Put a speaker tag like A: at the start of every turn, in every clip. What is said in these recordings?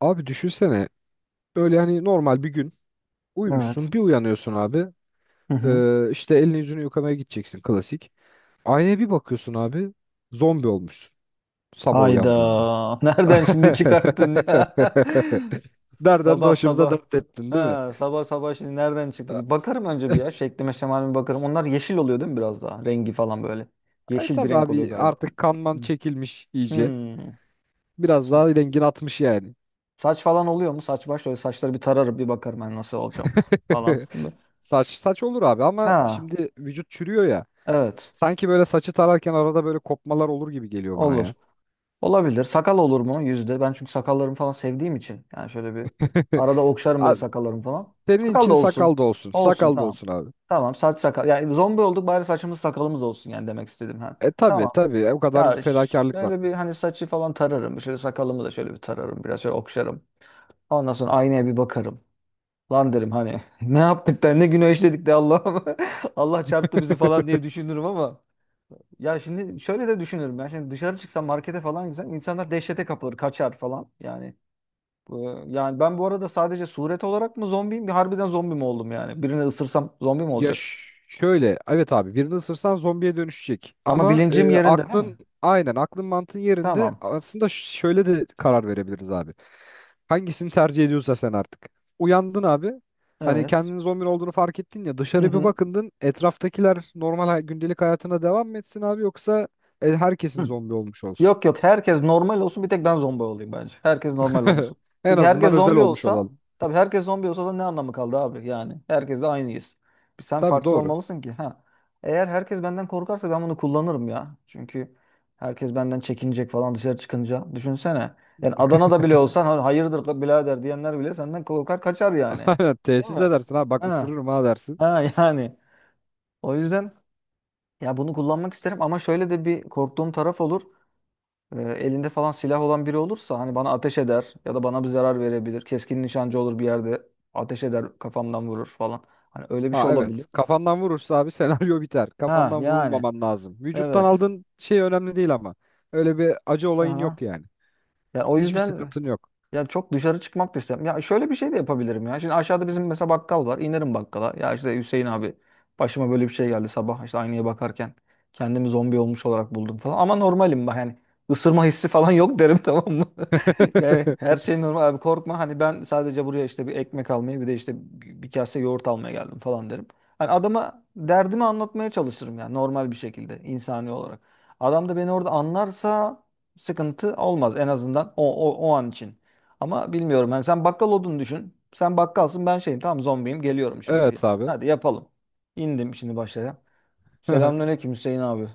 A: Abi düşünsene böyle hani normal bir gün
B: Evet.
A: uyumuşsun bir uyanıyorsun abi.
B: Hı hı.
A: İşte elini yüzünü yıkamaya gideceksin klasik. Aynaya bir bakıyorsun abi, zombi olmuşsun sabah
B: Hayda.
A: uyandığında.
B: Nereden şimdi çıkarttın ya?
A: Nereden de
B: Sabah
A: başımıza
B: sabah.
A: dert ettin değil mi?
B: Ha, sabah sabah şimdi nereden çıktı? Bir bakarım önce bir ya. Şeklime şemalime bakarım. Onlar yeşil oluyor değil mi biraz daha? Rengi falan böyle.
A: E
B: Yeşil bir
A: tabi
B: renk oluyor
A: abi
B: galiba.
A: artık kanman
B: Hı.
A: çekilmiş iyice.
B: Hmm.
A: Biraz daha rengin atmış yani.
B: Saç falan oluyor mu? Saç baş öyle saçları bir tararım bir bakarım ben nasıl olacağım falan.
A: Saç saç olur abi, ama
B: Ha,
A: şimdi vücut çürüyor ya.
B: evet,
A: Sanki böyle saçı tararken arada böyle kopmalar olur gibi geliyor bana
B: olur.
A: ya.
B: Olabilir. Sakal olur mu? Yüzde. Ben çünkü sakallarımı falan sevdiğim için. Yani şöyle bir arada okşarım böyle
A: Abi,
B: sakallarımı falan.
A: senin
B: Sakal da
A: için sakal
B: olsun.
A: da olsun.
B: Olsun,
A: Sakal da
B: tamam.
A: olsun abi.
B: Tamam, saç sakal. Yani zombi olduk bari saçımız sakalımız olsun yani demek istedim. Ha.
A: E tabii
B: Tamam.
A: tabii o kadar
B: Ya ş-
A: fedakarlık var.
B: şöyle bir hani saçı falan tararım. Şöyle sakalımı da şöyle bir tararım. Biraz şöyle okşarım. Ondan sonra aynaya bir bakarım. Lan derim hani ne yaptık da ne günah işledik de Allah'ım. Allah çarptı bizi falan diye düşünürüm ama. Ya şimdi şöyle de düşünürüm ben. Şimdi dışarı çıksam markete falan gitsem insanlar dehşete kapılır, kaçar falan. Yani yani ben bu arada sadece suret olarak mı zombiyim? Bir harbiden zombi mi oldum yani? Birini ısırsam zombi mi
A: Ya
B: olacak?
A: ş- Şöyle evet abi, birini ısırsan zombiye dönüşecek.
B: Ama
A: Ama
B: bilincim yerinde değil
A: aklın
B: mi?
A: aynen aklın mantığın yerinde
B: Tamam.
A: aslında. Şöyle de karar verebiliriz abi. Hangisini tercih ediyorsa sen artık. Uyandın abi. Hani
B: Evet.
A: kendinin zombi olduğunu fark ettin ya,
B: Hı
A: dışarı bir
B: hı.
A: bakındın, etraftakiler normal gündelik hayatına devam mı etsin abi, yoksa herkes mi
B: Hı.
A: zombi olmuş olsun?
B: Yok, yok, herkes normal olsun bir tek ben zombi olayım bence. Herkes normal olmasın.
A: En
B: Çünkü
A: azından
B: herkes
A: özel
B: zombi
A: olmuş
B: olsa,
A: olalım.
B: tabii herkes zombi olsa da ne anlamı kaldı abi yani. Herkes de aynıyız. Bir sen
A: Tabii,
B: farklı
A: doğru.
B: olmalısın ki, ha. Eğer herkes benden korkarsa ben bunu kullanırım ya. Çünkü herkes benden çekinecek falan dışarı çıkınca. Düşünsene. Yani Adana'da bile olsan, Hayırdır la birader," diyenler bile senden korkar kaçar yani.
A: Aynen,
B: Değil mi?
A: tehdit edersin, ha bak
B: Ha,
A: ısırırım ha dersin.
B: ha yani. O yüzden ya bunu kullanmak isterim ama şöyle de bir korktuğum taraf olur. Elinde falan silah olan biri olursa hani bana ateş eder ya da bana bir zarar verebilir. Keskin nişancı olur bir yerde ateş eder, kafamdan vurur falan. Hani öyle bir şey
A: Ha
B: olabilir.
A: evet, kafandan vurursa abi senaryo biter.
B: Ha
A: Kafandan
B: yani,
A: vurulmaman lazım. Vücuttan
B: evet.
A: aldığın şey önemli değil ama. Öyle bir acı olayın
B: Aha.
A: yok yani.
B: Yani o
A: Hiçbir
B: yüzden.
A: sıkıntın yok.
B: Ya, çok dışarı çıkmak da istemiyorum. Ya şöyle bir şey de yapabilirim ya. Şimdi aşağıda bizim mesela bakkal var. İnerim bakkala. Ya işte Hüseyin abi başıma böyle bir şey geldi sabah işte aynaya bakarken. Kendimi zombi olmuş olarak buldum falan. Ama normalim bak yani, ısırma hissi falan yok derim, tamam mı? Yani her şey normal abi, korkma. Hani ben sadece buraya işte bir ekmek almaya, bir de işte bir kase yoğurt almaya geldim falan derim. Hani adama derdimi anlatmaya çalışırım yani, normal bir şekilde, insani olarak. Adam da beni orada anlarsa sıkıntı olmaz, en azından o an için. Ama bilmiyorum yani, sen bakkal olduğunu düşün. Sen bakkalsın, ben şeyim, tamam zombiyim, geliyorum şimdi.
A: Evet abi.
B: Hadi yapalım. İndim şimdi, başlayalım. Selamünaleyküm Hüseyin abi.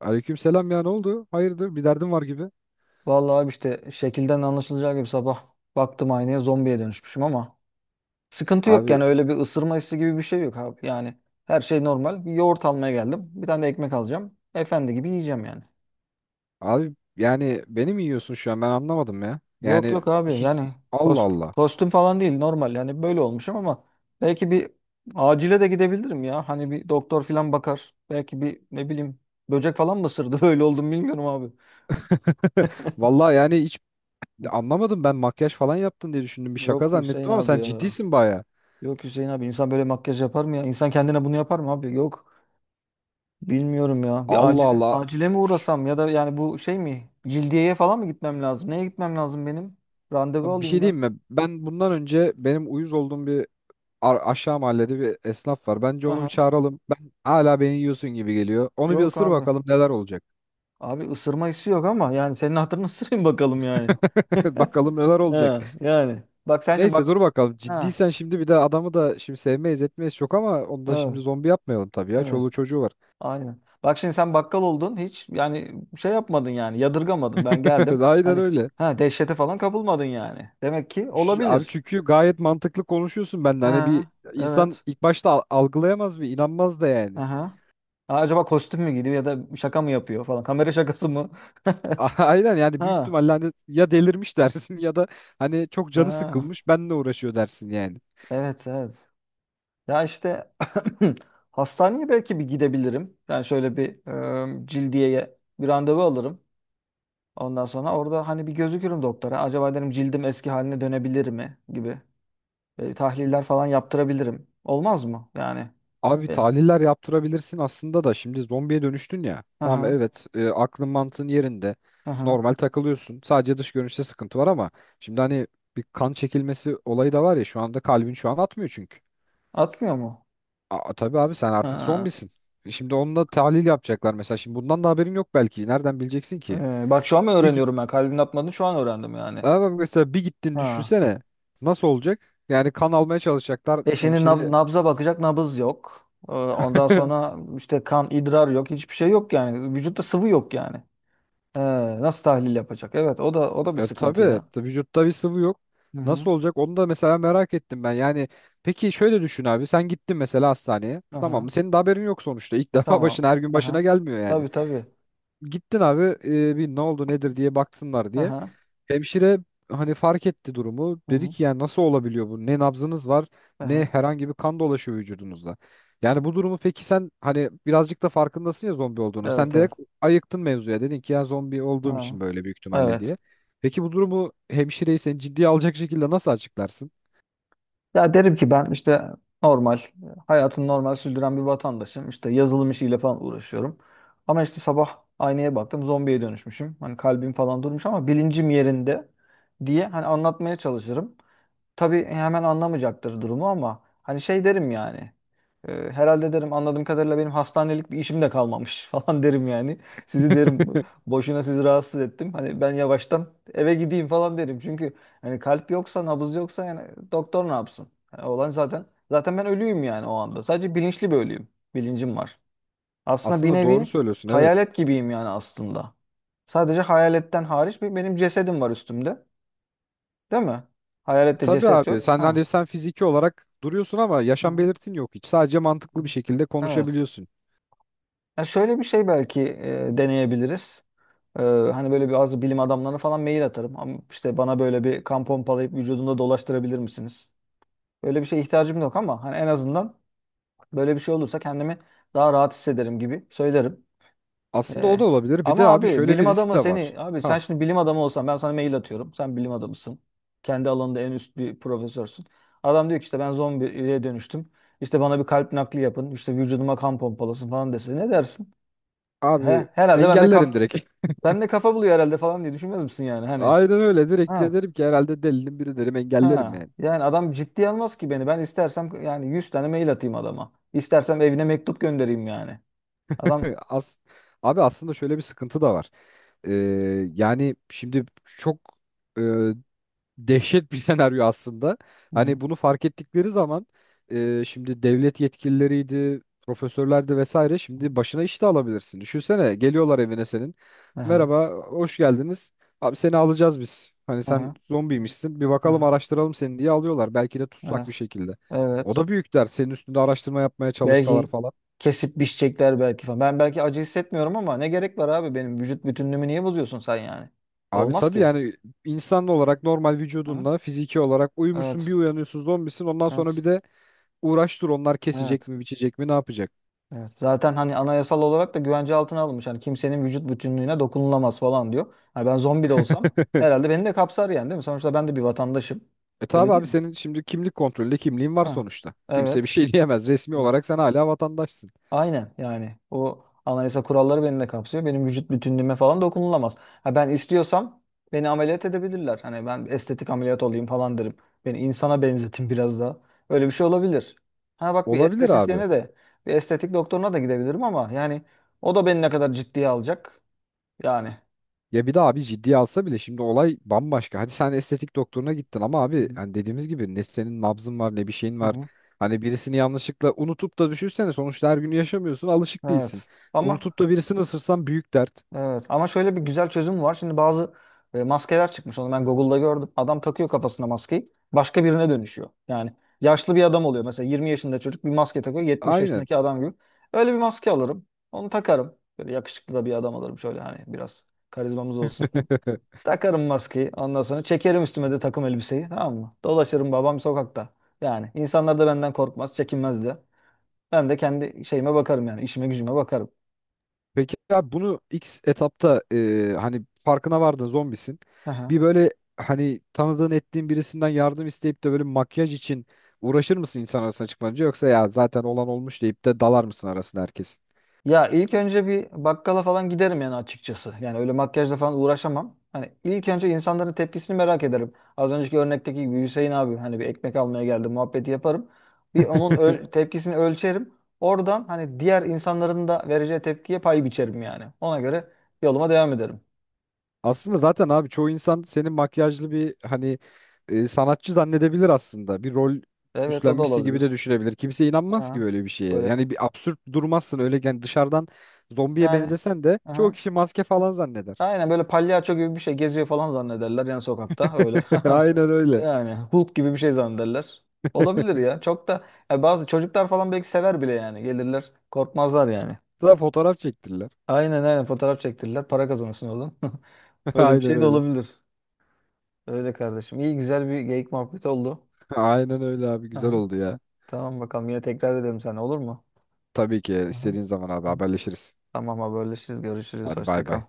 A: Aleyküm selam, ya ne oldu? Hayırdır, bir derdin var gibi.
B: Vallahi abi işte şekilden anlaşılacağı gibi sabah baktım aynaya zombiye dönüşmüşüm ama sıkıntı yok
A: Abi
B: yani, öyle bir ısırma hissi gibi bir şey yok abi. Yani her şey normal. Bir yoğurt almaya geldim. Bir tane de ekmek alacağım. Efendi gibi yiyeceğim yani.
A: abi yani beni mi yiyorsun şu an, ben anlamadım ya.
B: Yok,
A: Yani
B: yok abi
A: hiç
B: yani,
A: Allah Allah.
B: kostüm falan değil, normal yani böyle olmuşum ama belki bir acile de gidebilirim ya. Hani bir doktor falan bakar. Belki bir, ne bileyim, böcek falan mı ısırdı böyle oldum, bilmiyorum abi.
A: Vallahi yani hiç anlamadım, ben makyaj falan yaptın diye düşündüm, bir şaka
B: Yok Hüseyin
A: zannettim ama
B: abi
A: sen
B: ya.
A: ciddisin baya.
B: Yok Hüseyin abi, insan böyle makyaj yapar mı ya? İnsan kendine bunu yapar mı abi? Yok, bilmiyorum ya. Bir
A: Allah
B: acile
A: Allah.
B: acile mi
A: Üş.
B: uğrasam, ya da yani bu şey mi? Cildiyeye falan mı gitmem lazım? Neye gitmem lazım benim? Randevu
A: Abi bir
B: alayım
A: şey diyeyim
B: ben.
A: mi? Ben bundan önce benim uyuz olduğum bir aşağı mahallede bir esnaf var. Bence onu bir
B: Aha.
A: çağıralım. Ben hala beni yiyorsun gibi geliyor. Onu bir
B: Yok
A: ısır
B: abi.
A: bakalım neler olacak.
B: Abi, ısırma hissi yok ama yani senin hatırını ısırayım bakalım yani.
A: Bakalım neler
B: Ha,
A: olacak.
B: yani. Bak sen şimdi,
A: Neyse dur
B: bak.
A: bakalım.
B: Ha,
A: Ciddiysen şimdi, bir de adamı da şimdi sevmeyiz etmeyiz çok ama onu da şimdi
B: evet,
A: zombi yapmayalım tabii ya.
B: evet.
A: Çoluğu çocuğu var.
B: Aynen. Bak şimdi, sen bakkal oldun, hiç yani şey yapmadın yani, yadırgamadın. Ben geldim.
A: Aynen
B: Hani
A: öyle.
B: ha, dehşete falan kapılmadın yani. Demek ki
A: Ş- Abi,
B: olabilir.
A: çünkü gayet mantıklı konuşuyorsun benden. Hani bir
B: Ha,
A: insan
B: evet.
A: ilk başta algılayamaz, bir inanmaz da yani.
B: Aha. Ha, acaba kostüm mü giydi ya da şaka mı yapıyor falan. Kamera şakası mı?
A: A- Aynen, yani büyük
B: Ha,
A: ihtimalle hani ya delirmiş dersin ya da hani çok canı
B: ha.
A: sıkılmış benle uğraşıyor dersin yani.
B: Evet, evet. Ya işte hastaneye belki bir gidebilirim. Yani şöyle bir, cildiyeye bir randevu alırım. Ondan sonra orada hani bir gözükürüm doktora. Acaba derim cildim eski haline dönebilir mi gibi. Tahliller falan yaptırabilirim. Olmaz mı? Yani.
A: Abi
B: E,
A: tahliller yaptırabilirsin aslında da şimdi zombiye dönüştün ya. Tamam
B: aha,
A: evet, aklın mantığın yerinde.
B: aha.
A: Normal takılıyorsun. Sadece dış görünüşte sıkıntı var ama şimdi hani bir kan çekilmesi olayı da var ya, şu anda kalbin şu an atmıyor çünkü.
B: Atmıyor mu?
A: Aa, tabii abi, sen artık
B: Ha.
A: zombisin. E şimdi onunla tahlil yapacaklar mesela. Şimdi bundan da haberin yok belki. Nereden bileceksin ki?
B: Bak şu an mı
A: Bir git
B: öğreniyorum ben? Kalbin atmadığını şu an öğrendim yani.
A: Ama mesela bir gittin
B: Ha.
A: düşünsene. Nasıl olacak? Yani kan almaya çalışacaklar
B: Şimdi
A: hemşire.
B: nabza bakacak, nabız yok. Ondan sonra işte kan, idrar yok. Hiçbir şey yok yani. Vücutta sıvı yok yani. Ee, Nasıl tahlil yapacak? Evet, o da bir
A: E
B: sıkıntı
A: tabii,
B: ya.
A: tabii vücutta bir sıvı yok.
B: Hı hı.
A: Nasıl olacak? Onu da mesela merak ettim ben. Yani peki şöyle düşün abi. Sen gittin mesela hastaneye. Tamam
B: Aha.
A: mı? Senin de haberin yok sonuçta. İlk defa,
B: Tamam.
A: başına her gün başına
B: Aha.
A: gelmiyor yani.
B: Tabii, tabii.
A: Gittin abi bir ne oldu nedir diye baksınlar diye.
B: Aha.
A: Hemşire hani fark etti durumu.
B: Hı
A: Dedi
B: hı.
A: ki yani nasıl olabiliyor bu? Ne nabzınız var ne
B: Aha.
A: herhangi bir kan dolaşıyor vücudunuzda. Yani bu durumu peki sen hani birazcık da farkındasın ya zombi olduğunu. Sen
B: Evet, evet.
A: direkt ayıktın mevzuya. Dedin ki ya zombi olduğum
B: Ha.
A: için böyle büyük ihtimalle diye.
B: Evet.
A: Peki bu durumu, hemşireyi sen ciddiye alacak şekilde nasıl açıklarsın?
B: Ya derim ki, ben işte normal hayatını normal sürdüren bir vatandaşım. İşte yazılım işiyle falan uğraşıyorum. Ama işte sabah aynaya baktım zombiye dönüşmüşüm. Hani kalbim falan durmuş ama bilincim yerinde diye hani anlatmaya çalışırım. Tabii hemen anlamayacaktır durumu ama hani şey derim yani. Herhalde derim, anladığım kadarıyla benim hastanelik bir işim de kalmamış falan derim yani. Sizi derim, boşuna sizi rahatsız ettim. Hani ben yavaştan eve gideyim falan derim. Çünkü hani kalp yoksa, nabız yoksa yani doktor ne yapsın? Yani olan zaten, ben ölüyüm yani o anda. Sadece bilinçli bir ölüyüm. Bilincim var. Aslında bir
A: Aslında doğru
B: nevi
A: söylüyorsun, evet.
B: hayalet gibiyim yani, aslında. Sadece hayaletten hariç bir benim cesedim var üstümde. Değil mi? Hayalette
A: Tabii
B: ceset
A: abi,
B: yok.
A: sen
B: Ha.
A: hani sen fiziki olarak duruyorsun ama
B: Hı
A: yaşam
B: hı.
A: belirtin yok hiç. Sadece mantıklı bir şekilde
B: Evet.
A: konuşabiliyorsun.
B: Ya şöyle bir şey belki deneyebiliriz. Hani böyle bazı bilim adamlarına falan mail atarım. Ama işte bana böyle bir kan pompalayıp vücudumda dolaştırabilir misiniz? Böyle bir şeye ihtiyacım yok ama hani en azından böyle bir şey olursa kendimi daha rahat hissederim gibi söylerim.
A: Aslında o da
B: E,
A: olabilir. Bir de
B: Ama
A: abi
B: abi
A: şöyle bir
B: bilim
A: risk
B: adamı
A: de
B: seni
A: var.
B: abi sen
A: Ha.
B: şimdi bilim adamı olsan, ben sana mail atıyorum. Sen bilim adamısın. Kendi alanında en üst bir profesörsün. Adam diyor ki, işte ben zombiye dönüştüm. İşte bana bir kalp nakli yapın. İşte vücuduma kan pompalasın falan dese ne dersin?
A: Abi
B: He, herhalde ben de
A: engellerim
B: kaf
A: direkt.
B: Sen de kafa buluyor herhalde falan diye düşünmez misin yani, hani?
A: Aynen öyle, direkt de
B: Ha,
A: derim ki herhalde delinin biri derim, engellerim
B: ha
A: yani.
B: yani, adam ciddiye almaz ki beni. Ben istersem yani 100 tane mail atayım adama. İstersem evine mektup göndereyim yani. Adam
A: As abi aslında şöyle bir sıkıntı da var. Ee, Yani şimdi çok e, dehşet bir senaryo aslında.
B: Hı
A: Hani
B: hı.
A: bunu fark ettikleri zaman şimdi devlet yetkilileriydi, profesörlerdi vesaire, şimdi başına iş de alabilirsin. Düşünsene, geliyorlar evine senin.
B: Aha,
A: Merhaba, hoş geldiniz. Abi seni alacağız biz. Hani sen
B: aha,
A: zombiymişsin. Bir bakalım,
B: aha,
A: araştıralım seni diye alıyorlar. Belki de tutsak bir
B: aha.
A: şekilde.
B: Evet.
A: O
B: Evet.
A: da büyük dert. Senin üstünde araştırma yapmaya çalışsalar
B: Belki
A: falan.
B: kesip biçecekler belki falan. Ben belki acı hissetmiyorum ama ne gerek var abi, benim vücut bütünlüğümü niye bozuyorsun sen yani?
A: Abi
B: Olmaz
A: tabii
B: ki.
A: yani, insan olarak normal
B: Hı?
A: vücudunla fiziki olarak uyumuşsun, bir
B: Evet.
A: uyanıyorsun zombisin. Ondan sonra
B: Evet.
A: bir de uğraş dur, onlar kesecek
B: Evet.
A: mi biçecek mi ne yapacak?
B: Evet. Zaten hani anayasal olarak da güvence altına alınmış. Hani kimsenin vücut bütünlüğüne dokunulamaz falan diyor. Hani ben zombi de olsam herhalde beni de kapsar yani, değil mi? Sonuçta ben de bir vatandaşım.
A: E
B: Öyle
A: tabi
B: değil
A: abi
B: mi?
A: senin şimdi kimlik kontrolünde kimliğin var
B: Ha.
A: sonuçta. Kimse bir
B: Evet.
A: şey diyemez. Resmi olarak sen hala vatandaşsın.
B: Aynen yani, o anayasa kuralları beni de kapsıyor. Benim vücut bütünlüğüme falan dokunulamaz. Ha, ben istiyorsam beni ameliyat edebilirler. Hani ben estetik ameliyat olayım falan derim. Beni insana benzetin biraz daha. Öyle bir şey olabilir. Ha bak, bir
A: Olabilir abi.
B: estetisyene de bir estetik doktoruna da gidebilirim ama yani o da beni ne kadar ciddiye alacak. Yani.
A: Ya bir de abi ciddiye alsa bile şimdi olay bambaşka. Hadi sen estetik doktoruna gittin ama
B: Hı
A: abi
B: hı.
A: hani dediğimiz gibi ne senin nabzın var ne bir şeyin
B: Hı
A: var.
B: hı.
A: Hani birisini yanlışlıkla unutup da düşünsene, sonuçta her gün yaşamıyorsun, alışık değilsin.
B: Evet.
A: Unutup da birisini ısırsan büyük dert.
B: Evet, ama şöyle bir güzel çözüm var. Şimdi bazı maskeler çıkmış. Onu ben Google'da gördüm. Adam takıyor kafasına maskeyi. Başka birine dönüşüyor. Yani yaşlı bir adam oluyor. Mesela 20 yaşında çocuk bir maske takıyor, 70
A: Aynen.
B: yaşındaki adam gibi. Öyle bir maske alırım. Onu takarım. Böyle yakışıklı da bir adam alırım. Şöyle hani biraz karizmamız olsun. Takarım maskeyi. Ondan sonra çekerim üstüme de takım elbiseyi. Tamam mı? Dolaşırım babam sokakta. Yani insanlar da benden korkmaz, çekinmez de. Ben de kendi şeyime bakarım yani. İşime gücüme bakarım.
A: Peki abi bunu ilk etapta hani farkına vardın zombisin. Bir böyle hani tanıdığın ettiğin birisinden yardım isteyip de böyle makyaj için uğraşır mısın insan arasına çıkmanınca, yoksa ya zaten olan olmuş deyip de dalar mısın arasına herkesin?
B: Ya ilk önce bir bakkala falan giderim yani, açıkçası. Yani öyle makyajla falan uğraşamam. Hani ilk önce insanların tepkisini merak ederim. Az önceki örnekteki gibi Hüseyin abi hani bir ekmek almaya geldi muhabbeti yaparım. Bir onun tepkisini ölçerim. Oradan hani diğer insanların da vereceği tepkiye pay biçerim yani. Ona göre yoluma devam ederim.
A: Aslında zaten abi çoğu insan senin makyajlı bir hani sanatçı zannedebilir aslında. Bir rol
B: Evet, o da
A: üstlenmişsin gibi de
B: olabilir.
A: düşünebilir. Kimse inanmaz ki
B: Ha,
A: böyle bir şeye.
B: böyle
A: Yani bir absürt durmazsın öyle yani, dışarıdan zombiye
B: yani.
A: benzesen de çoğu
B: Aha.
A: kişi maske falan zanneder.
B: Aynen böyle palyaço gibi bir şey geziyor falan zannederler yani, sokakta öyle.
A: Aynen öyle.
B: Yani Hulk gibi bir şey zannederler. Olabilir ya. Çok da, ya bazı çocuklar falan belki sever bile yani. Gelirler, korkmazlar yani.
A: Daha fotoğraf çektirdiler.
B: Aynen, aynen fotoğraf çektirirler. Para kazanırsın oğlum. Öyle bir
A: Aynen
B: şey de
A: öyle.
B: olabilir. Öyle kardeşim. İyi güzel bir geyik muhabbeti oldu.
A: Aynen öyle abi, güzel
B: Aha.
A: oldu ya.
B: Tamam, bakalım yine tekrar edelim sen, olur mu?
A: Tabii ki,
B: Aha.
A: istediğin zaman abi
B: Hı hı.
A: haberleşiriz.
B: Tamam, haberleşiriz. Görüşürüz.
A: Hadi bay
B: Hoşça kal.
A: bay.